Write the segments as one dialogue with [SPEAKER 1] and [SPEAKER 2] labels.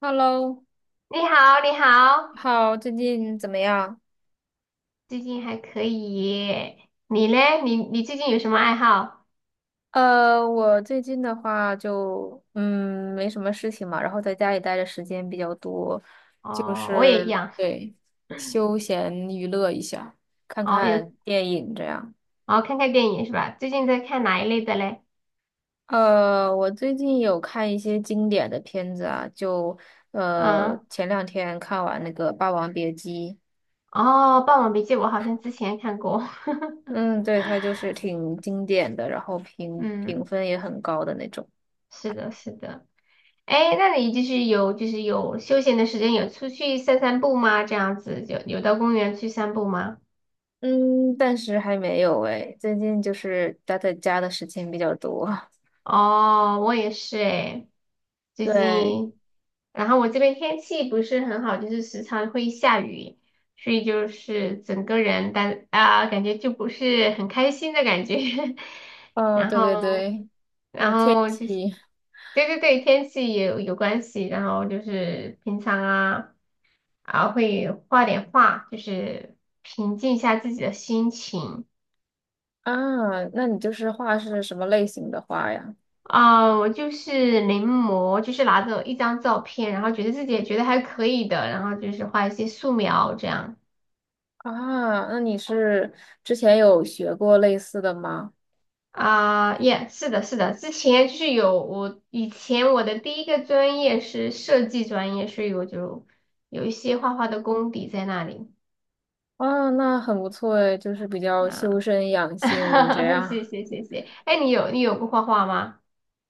[SPEAKER 1] Hello，
[SPEAKER 2] 你好，你
[SPEAKER 1] 你
[SPEAKER 2] 好，
[SPEAKER 1] 好，最近怎么样？
[SPEAKER 2] 最近还可以耶你嘞？你最近有什么爱好？
[SPEAKER 1] 我最近的话就没什么事情嘛，然后在家里待的时间比较多，就
[SPEAKER 2] 哦，我也一
[SPEAKER 1] 是
[SPEAKER 2] 样。
[SPEAKER 1] 对休闲娱乐一下，看
[SPEAKER 2] 哦，有
[SPEAKER 1] 看电影这样。
[SPEAKER 2] 哦，看看电影是吧？最近在看哪一类的嘞？
[SPEAKER 1] 我最近有看一些经典的片子啊，就
[SPEAKER 2] 嗯，
[SPEAKER 1] 前两天看完那个《霸王别姬》，
[SPEAKER 2] 哦，《霸王别姬》我好像之前看过。
[SPEAKER 1] 嗯，对，它就是挺经典的，然后 评评
[SPEAKER 2] 嗯，
[SPEAKER 1] 分也很高的那种。
[SPEAKER 2] 是的，是的。哎，那你就是有休闲的时间，有出去散散步吗？这样子，有到公园去散步吗？
[SPEAKER 1] 嗯，暂时还没有诶，最近就是待在家的时间比较多。
[SPEAKER 2] 哦，我也是诶，最
[SPEAKER 1] 对，
[SPEAKER 2] 近，然后我这边天气不是很好，就是时常会下雨，所以就是整个人感觉就不是很开心的感觉，
[SPEAKER 1] 哦，
[SPEAKER 2] 然
[SPEAKER 1] 对对
[SPEAKER 2] 后
[SPEAKER 1] 对，就是天
[SPEAKER 2] 就是
[SPEAKER 1] 气
[SPEAKER 2] 对对对，天气也有关系，然后就是平常啊会画点画，就是平静一下自己的心情。
[SPEAKER 1] 啊，那你就是画是什么类型的画呀？
[SPEAKER 2] 我就是临摹，就是拿着一张照片，然后觉得自己也觉得还可以的，然后就是画一些素描这样。
[SPEAKER 1] 啊，那你是之前有学过类似的吗？
[SPEAKER 2] 啊，耶，是的，是的，之前就是有我以前我的第一个专业是设计专业，所以我就有一些画画的功底在那里
[SPEAKER 1] 啊，那很不错诶，就是比较修
[SPEAKER 2] 啊。
[SPEAKER 1] 身养性这 样。
[SPEAKER 2] 谢谢谢谢，哎，你有过画画吗？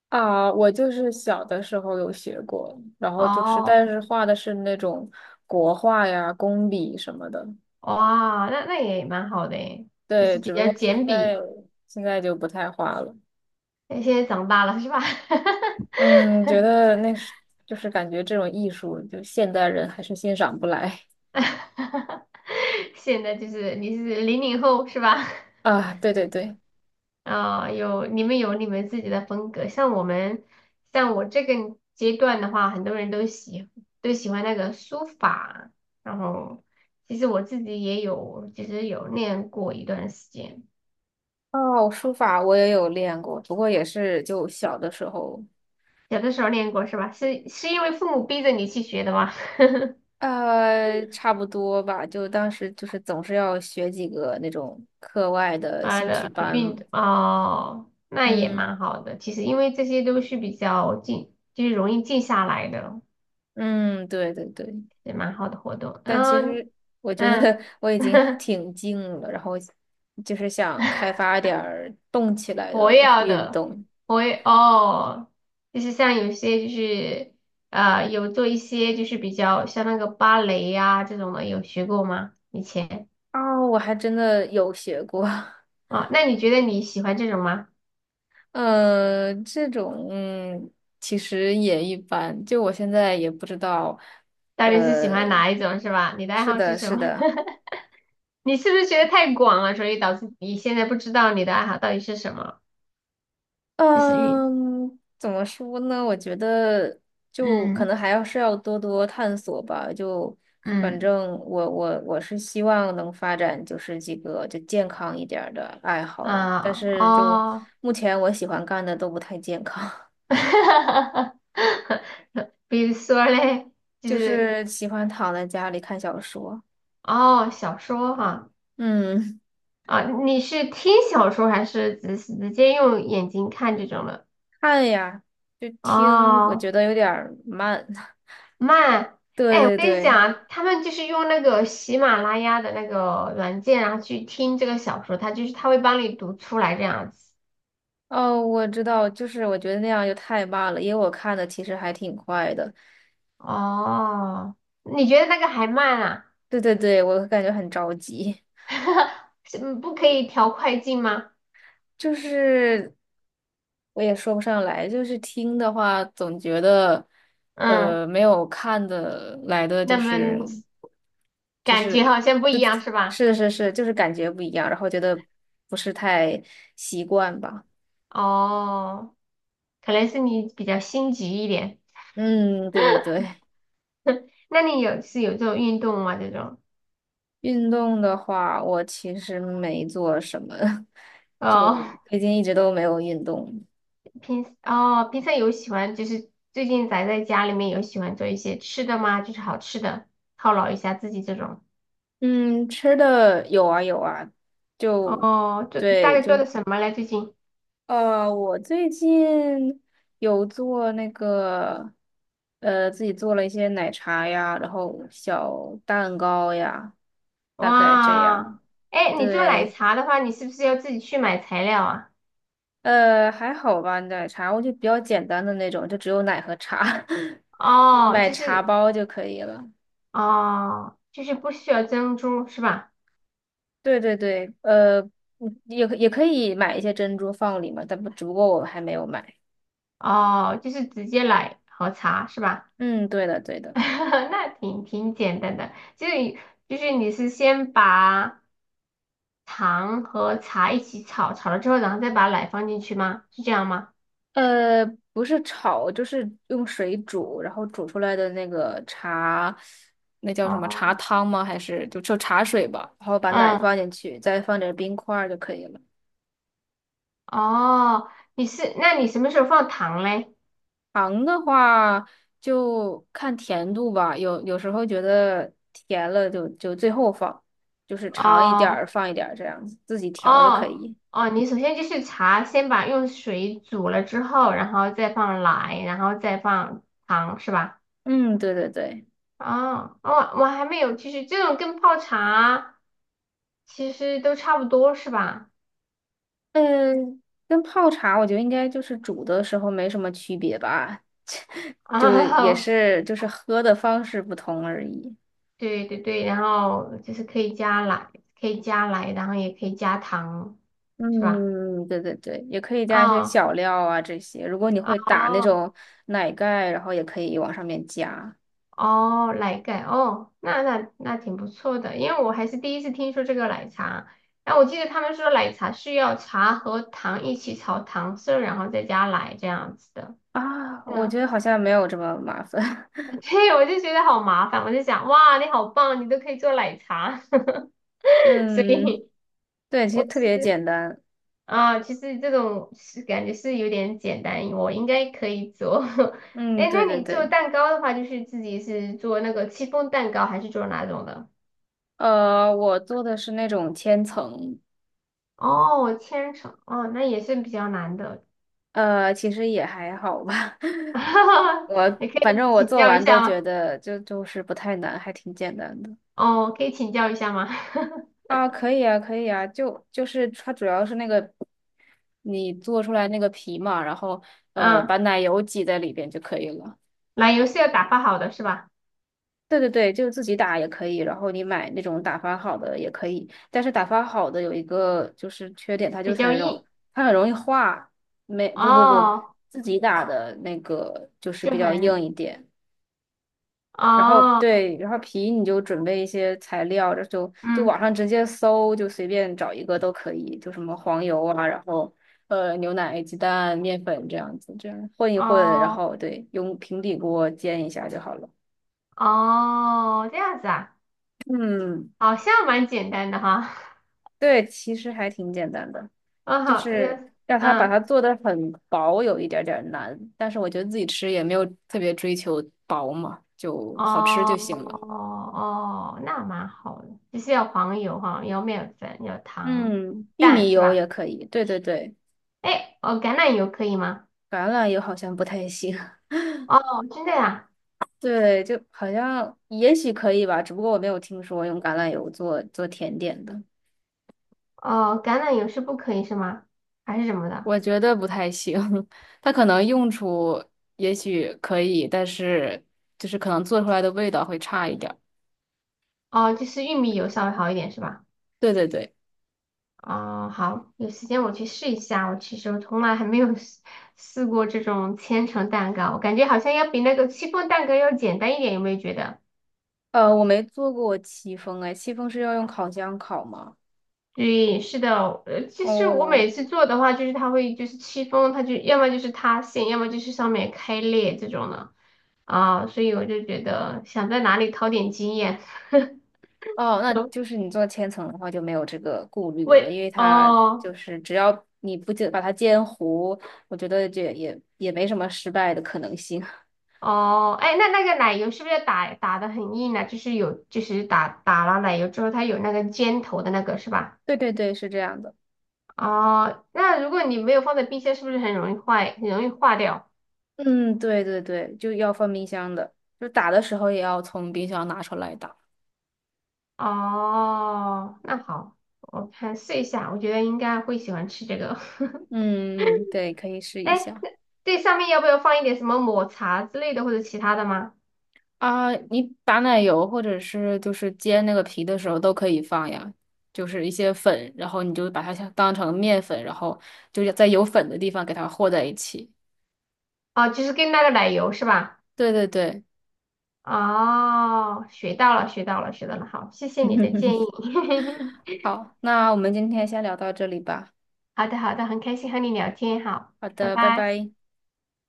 [SPEAKER 1] 啊，我就是小的时候有学过，然后就是，
[SPEAKER 2] 哦，
[SPEAKER 1] 但是画的是那种国画呀、工笔什么的。
[SPEAKER 2] 哇，那也蛮好的诶，就
[SPEAKER 1] 对，
[SPEAKER 2] 是比
[SPEAKER 1] 只不
[SPEAKER 2] 较
[SPEAKER 1] 过现
[SPEAKER 2] 简
[SPEAKER 1] 在
[SPEAKER 2] 笔。
[SPEAKER 1] 现在就不太画了。
[SPEAKER 2] 现在长大了是吧？
[SPEAKER 1] 嗯，觉 得那是就是感觉这种艺术，就现代人还是欣赏不来
[SPEAKER 2] 现在就是你是零零后是吧？
[SPEAKER 1] 啊。对对对，
[SPEAKER 2] 有你们有你们自己的风格，像我这个阶段的话，很多人都喜欢那个书法，然后其实我自己也有，其实有练过一段时间，
[SPEAKER 1] 哦，书法我也有练过，不过也是就小的时候，
[SPEAKER 2] 小的时候练过是吧？是因为父母逼着你去学的吗？
[SPEAKER 1] 差不多吧。就当时就是总是要学几个那种课外的
[SPEAKER 2] 妈
[SPEAKER 1] 兴趣
[SPEAKER 2] 的，
[SPEAKER 1] 班嘛。
[SPEAKER 2] 运动哦，那也
[SPEAKER 1] 嗯
[SPEAKER 2] 蛮好的。其实因为这些都是比较静，就是容易静下来的。
[SPEAKER 1] 嗯，对对对。
[SPEAKER 2] 也蛮好的活动。
[SPEAKER 1] 但其
[SPEAKER 2] 嗯
[SPEAKER 1] 实我觉得
[SPEAKER 2] 嗯，
[SPEAKER 1] 我已经 挺静了，然后就是想开发点儿动起来
[SPEAKER 2] 活
[SPEAKER 1] 的
[SPEAKER 2] 跃
[SPEAKER 1] 运
[SPEAKER 2] 的，
[SPEAKER 1] 动。
[SPEAKER 2] 活跃哦，就是像有些就是有做一些就是比较像那个芭蕾呀、这种的，有学过吗？以前
[SPEAKER 1] 哦，我还真的有学过，
[SPEAKER 2] 啊，那你觉得你喜欢这种吗？
[SPEAKER 1] 这种其实也一般，就我现在也不知道，
[SPEAKER 2] 到底是喜欢
[SPEAKER 1] 呃，
[SPEAKER 2] 哪一种是吧？你的爱
[SPEAKER 1] 是
[SPEAKER 2] 好
[SPEAKER 1] 的，
[SPEAKER 2] 是什
[SPEAKER 1] 是
[SPEAKER 2] 么？
[SPEAKER 1] 的。
[SPEAKER 2] 你是不是觉得太广了，所以导致你现在不知道你的爱好到底是什么？就是运，
[SPEAKER 1] 嗯，怎么说呢？我觉得就可
[SPEAKER 2] 嗯
[SPEAKER 1] 能还要是要多多探索吧。就反
[SPEAKER 2] 嗯
[SPEAKER 1] 正我是希望能发展就是几个就健康一点儿的爱好，但
[SPEAKER 2] 啊
[SPEAKER 1] 是就
[SPEAKER 2] 哦，
[SPEAKER 1] 目前我喜欢干的都不太健康，
[SPEAKER 2] 哈哈哈哈比如说嘞，就
[SPEAKER 1] 就
[SPEAKER 2] 是
[SPEAKER 1] 是喜欢躺在家里看小说。
[SPEAKER 2] 哦，小说哈
[SPEAKER 1] 嗯，
[SPEAKER 2] 啊，你是听小说还是直接用眼睛看这种的？
[SPEAKER 1] 看呀，就听，我
[SPEAKER 2] 哦，
[SPEAKER 1] 觉得有点儿慢。
[SPEAKER 2] 慢，
[SPEAKER 1] 对
[SPEAKER 2] 哎，我
[SPEAKER 1] 对
[SPEAKER 2] 跟你
[SPEAKER 1] 对。
[SPEAKER 2] 讲啊，他们就是用那个喜马拉雅的那个软件，然后去听这个小说，它就是它会帮你读出来这样子。
[SPEAKER 1] 哦，我知道，就是我觉得那样就太慢了，因为我看的其实还挺快的。
[SPEAKER 2] 哦，你觉得那个还慢啊？
[SPEAKER 1] 对对对，我感觉很着急，
[SPEAKER 2] 是不可以调快进吗？
[SPEAKER 1] 就是我也说不上来，就是听的话，总觉得
[SPEAKER 2] 嗯，
[SPEAKER 1] 没有看的来的
[SPEAKER 2] 那
[SPEAKER 1] 就是
[SPEAKER 2] 么
[SPEAKER 1] 就
[SPEAKER 2] 感觉
[SPEAKER 1] 是
[SPEAKER 2] 好像不一样是吧？
[SPEAKER 1] 是，就是感觉不一样，然后觉得不是太习惯吧。
[SPEAKER 2] 哦。可能是你比较心急一点。
[SPEAKER 1] 嗯，对对对，
[SPEAKER 2] 那你是有这种运动吗？这种
[SPEAKER 1] 运动的话，我其实没做什么，
[SPEAKER 2] 哦，
[SPEAKER 1] 就最近一直都没有运动。
[SPEAKER 2] 平常有喜欢就是最近宅在家里面有喜欢做一些吃的吗？就是好吃的犒劳一下自己这种。
[SPEAKER 1] 嗯，吃的有啊有啊，就
[SPEAKER 2] 哦，大
[SPEAKER 1] 对，
[SPEAKER 2] 概做
[SPEAKER 1] 就
[SPEAKER 2] 的什么嘞？最近
[SPEAKER 1] 我最近有做那个，呃，自己做了一些奶茶呀，然后小蛋糕呀，大概这样。
[SPEAKER 2] 哇，哎，你做奶
[SPEAKER 1] 对，
[SPEAKER 2] 茶的话，你是不是要自己去买材料啊？
[SPEAKER 1] 还好吧，奶茶我就比较简单的那种，就只有奶和茶，你
[SPEAKER 2] 哦，
[SPEAKER 1] 买
[SPEAKER 2] 就
[SPEAKER 1] 茶
[SPEAKER 2] 是
[SPEAKER 1] 包就可以了。
[SPEAKER 2] 哦，就是不需要珍珠是吧？
[SPEAKER 1] 对对对，嗯也可以买一些珍珠放里嘛，但不，只不过我还没有买。
[SPEAKER 2] 哦，就是直接奶和茶是吧？
[SPEAKER 1] 嗯，对的对 的。
[SPEAKER 2] 那挺挺简单的，就是你是先把糖和茶一起炒，炒了之后，然后再把奶放进去吗？是这样吗？
[SPEAKER 1] 呃，不是炒，就是用水煮，然后煮出来的那个茶，那叫什么茶
[SPEAKER 2] 哦，
[SPEAKER 1] 汤吗？还是就茶水吧？然后把奶
[SPEAKER 2] 嗯，
[SPEAKER 1] 放进去，再放点冰块儿就可以了。
[SPEAKER 2] 哦，那你什么时候放糖嘞？
[SPEAKER 1] 糖的话就看甜度吧，有时候觉得甜了就最后放，就是尝一点
[SPEAKER 2] 哦，
[SPEAKER 1] 儿放一点儿这样子，自己调就可
[SPEAKER 2] 哦，
[SPEAKER 1] 以。
[SPEAKER 2] 哦，你首先就是茶，先把用水煮了之后，然后再放奶，然后再放糖，是吧？
[SPEAKER 1] 嗯，对对对，
[SPEAKER 2] 哦，我还没有，就是这种跟泡茶其实都差不多，是吧？
[SPEAKER 1] 嗯，跟泡茶我觉得应该就是煮的时候没什么区别吧。就也
[SPEAKER 2] 哦
[SPEAKER 1] 是就是喝的方式不同而已。
[SPEAKER 2] 对对对，然后就是可以加奶，可以加奶，然后也可以加糖，是吧？
[SPEAKER 1] 嗯，对对对，也可以加一些
[SPEAKER 2] 哦
[SPEAKER 1] 小料啊这些。如果你会打那
[SPEAKER 2] 哦
[SPEAKER 1] 种奶盖，然后也可以往上面加
[SPEAKER 2] 哦，奶盖哦，那挺不错的，因为我还是第一次听说这个奶茶。然后我记得他们说奶茶需要茶和糖一起炒糖色，然后再加奶这样子的。
[SPEAKER 1] 啊。我觉
[SPEAKER 2] 嗯，
[SPEAKER 1] 得好像没有这么麻烦。
[SPEAKER 2] 对，我就觉得好麻烦，我就想，哇，你好棒，你都可以做奶茶，所
[SPEAKER 1] 嗯，
[SPEAKER 2] 以。
[SPEAKER 1] 对，其实
[SPEAKER 2] 我
[SPEAKER 1] 特
[SPEAKER 2] 其
[SPEAKER 1] 别
[SPEAKER 2] 实。
[SPEAKER 1] 简单。
[SPEAKER 2] 啊，其实这种是感觉是有点简单，我应该可以做。
[SPEAKER 1] 嗯，
[SPEAKER 2] 哎
[SPEAKER 1] 对
[SPEAKER 2] 那
[SPEAKER 1] 对
[SPEAKER 2] 你做
[SPEAKER 1] 对。
[SPEAKER 2] 蛋糕的话，就是自己是做那个戚风蛋糕，还是做哪种的？
[SPEAKER 1] 我做的是那种千层，
[SPEAKER 2] 哦，千层，哦，那也是比较难的。
[SPEAKER 1] 其实也还好吧。我
[SPEAKER 2] 你可
[SPEAKER 1] 反
[SPEAKER 2] 以
[SPEAKER 1] 正我
[SPEAKER 2] 请
[SPEAKER 1] 做
[SPEAKER 2] 教一
[SPEAKER 1] 完都
[SPEAKER 2] 下
[SPEAKER 1] 觉
[SPEAKER 2] 吗？
[SPEAKER 1] 得就是不太难，还挺简单的。
[SPEAKER 2] 哦，可以请教一下吗？
[SPEAKER 1] 啊，可以啊，可以啊，就是它主要是那个你做出来那个皮嘛，然后把
[SPEAKER 2] 嗯，
[SPEAKER 1] 奶油挤在里边就可以了。
[SPEAKER 2] 奶油是要打发好的是吧？
[SPEAKER 1] 对对对，就自己打也可以，然后你买那种打发好的也可以，但是打发好的有一个就是缺点，它就
[SPEAKER 2] 比
[SPEAKER 1] 是
[SPEAKER 2] 较硬，
[SPEAKER 1] 它很容易化，没不不不，
[SPEAKER 2] 哦，
[SPEAKER 1] 自己打的那个就是
[SPEAKER 2] 就
[SPEAKER 1] 比较硬
[SPEAKER 2] 很，
[SPEAKER 1] 一点。然后
[SPEAKER 2] 哦，
[SPEAKER 1] 对，然后皮你就准备一些材料，这就网
[SPEAKER 2] 嗯，
[SPEAKER 1] 上直接搜，就随便找一个都可以，就什么黄油啊，然后牛奶、鸡蛋、面粉这样子，这样混一混，然
[SPEAKER 2] 哦，
[SPEAKER 1] 后对，用平底锅煎一下就好了。
[SPEAKER 2] 哦，这样子啊，
[SPEAKER 1] 嗯，
[SPEAKER 2] 好像蛮简单的哈。
[SPEAKER 1] 对，其实还挺简单的，
[SPEAKER 2] 嗯，
[SPEAKER 1] 就
[SPEAKER 2] 好，
[SPEAKER 1] 是
[SPEAKER 2] 嗯
[SPEAKER 1] 让它
[SPEAKER 2] 嗯，
[SPEAKER 1] 做的很薄，有一点点儿难，但是我觉得自己吃也没有特别追求薄嘛，就好吃就
[SPEAKER 2] 哦
[SPEAKER 1] 行了。
[SPEAKER 2] 哦，那蛮好的，就是要黄油哈，要面粉，要糖、
[SPEAKER 1] 嗯，玉
[SPEAKER 2] 蛋
[SPEAKER 1] 米
[SPEAKER 2] 是
[SPEAKER 1] 油也
[SPEAKER 2] 吧？
[SPEAKER 1] 可以，对对对。
[SPEAKER 2] 哎，哦，橄榄油可以吗？
[SPEAKER 1] 橄榄油好像不太行，
[SPEAKER 2] 哦，真的呀？
[SPEAKER 1] 对，就好像也许可以吧，只不过我没有听说用橄榄油做甜点的，
[SPEAKER 2] 哦，橄榄油是不可以是吗？还是什么的？
[SPEAKER 1] 我觉得不太行。它可能用处也许可以，但是就是可能做出来的味道会差一点儿。
[SPEAKER 2] 哦，就是玉米油稍微好一点是吧？
[SPEAKER 1] 对对对，
[SPEAKER 2] 哦，好，有时间我去试一下。我其实我从来还没有试过这种千层蛋糕，我感觉好像要比那个戚风蛋糕要简单一点，有没有觉得？
[SPEAKER 1] 我没做过戚风，哎，戚风是要用烤箱烤吗？
[SPEAKER 2] 对，是的，其实我
[SPEAKER 1] 哦，
[SPEAKER 2] 每次做的话，就是它会就是戚风，它就要么就是塌陷，要么就是上面开裂这种的啊，所以我就觉得想在哪里淘点经验。
[SPEAKER 1] 哦，那就是你做千层的话就没有这个顾虑了，因
[SPEAKER 2] 喂，
[SPEAKER 1] 为它就
[SPEAKER 2] 哦
[SPEAKER 1] 是只要你不煎把它煎糊，我觉得这也没什么失败的可能性。
[SPEAKER 2] 哦，哎，那那个奶油是不是打的很硬呢？就是有打了奶油之后，它有那个尖头的那个是吧？
[SPEAKER 1] 对对对，是这样的。
[SPEAKER 2] 哦，那如果你没有放在冰箱，是不是很容易坏，很容易化掉？
[SPEAKER 1] 嗯，对对对，就要放冰箱的，就打的时候也要从冰箱拿出来打。
[SPEAKER 2] 哦，那好，我看试一下，我觉得应该会喜欢吃这个。
[SPEAKER 1] 嗯，对，可以 试一
[SPEAKER 2] 哎，
[SPEAKER 1] 下
[SPEAKER 2] 那这上面要不要放一点什么抹茶之类的或者其他的吗？
[SPEAKER 1] 啊。你打奶油或者是就是煎那个皮的时候都可以放呀，就是一些粉，然后你就把它像当成面粉，然后就在有粉的地方给它和在一起。
[SPEAKER 2] 哦，就是跟那个奶油是吧？
[SPEAKER 1] 对对对，
[SPEAKER 2] 哦，学到了，学到了，学到了。好，谢谢你的建议。
[SPEAKER 1] 好，那我们今天先聊到这里吧。
[SPEAKER 2] 好的，好的，很开心和你聊天。好，
[SPEAKER 1] 好
[SPEAKER 2] 拜
[SPEAKER 1] 的，拜
[SPEAKER 2] 拜。
[SPEAKER 1] 拜。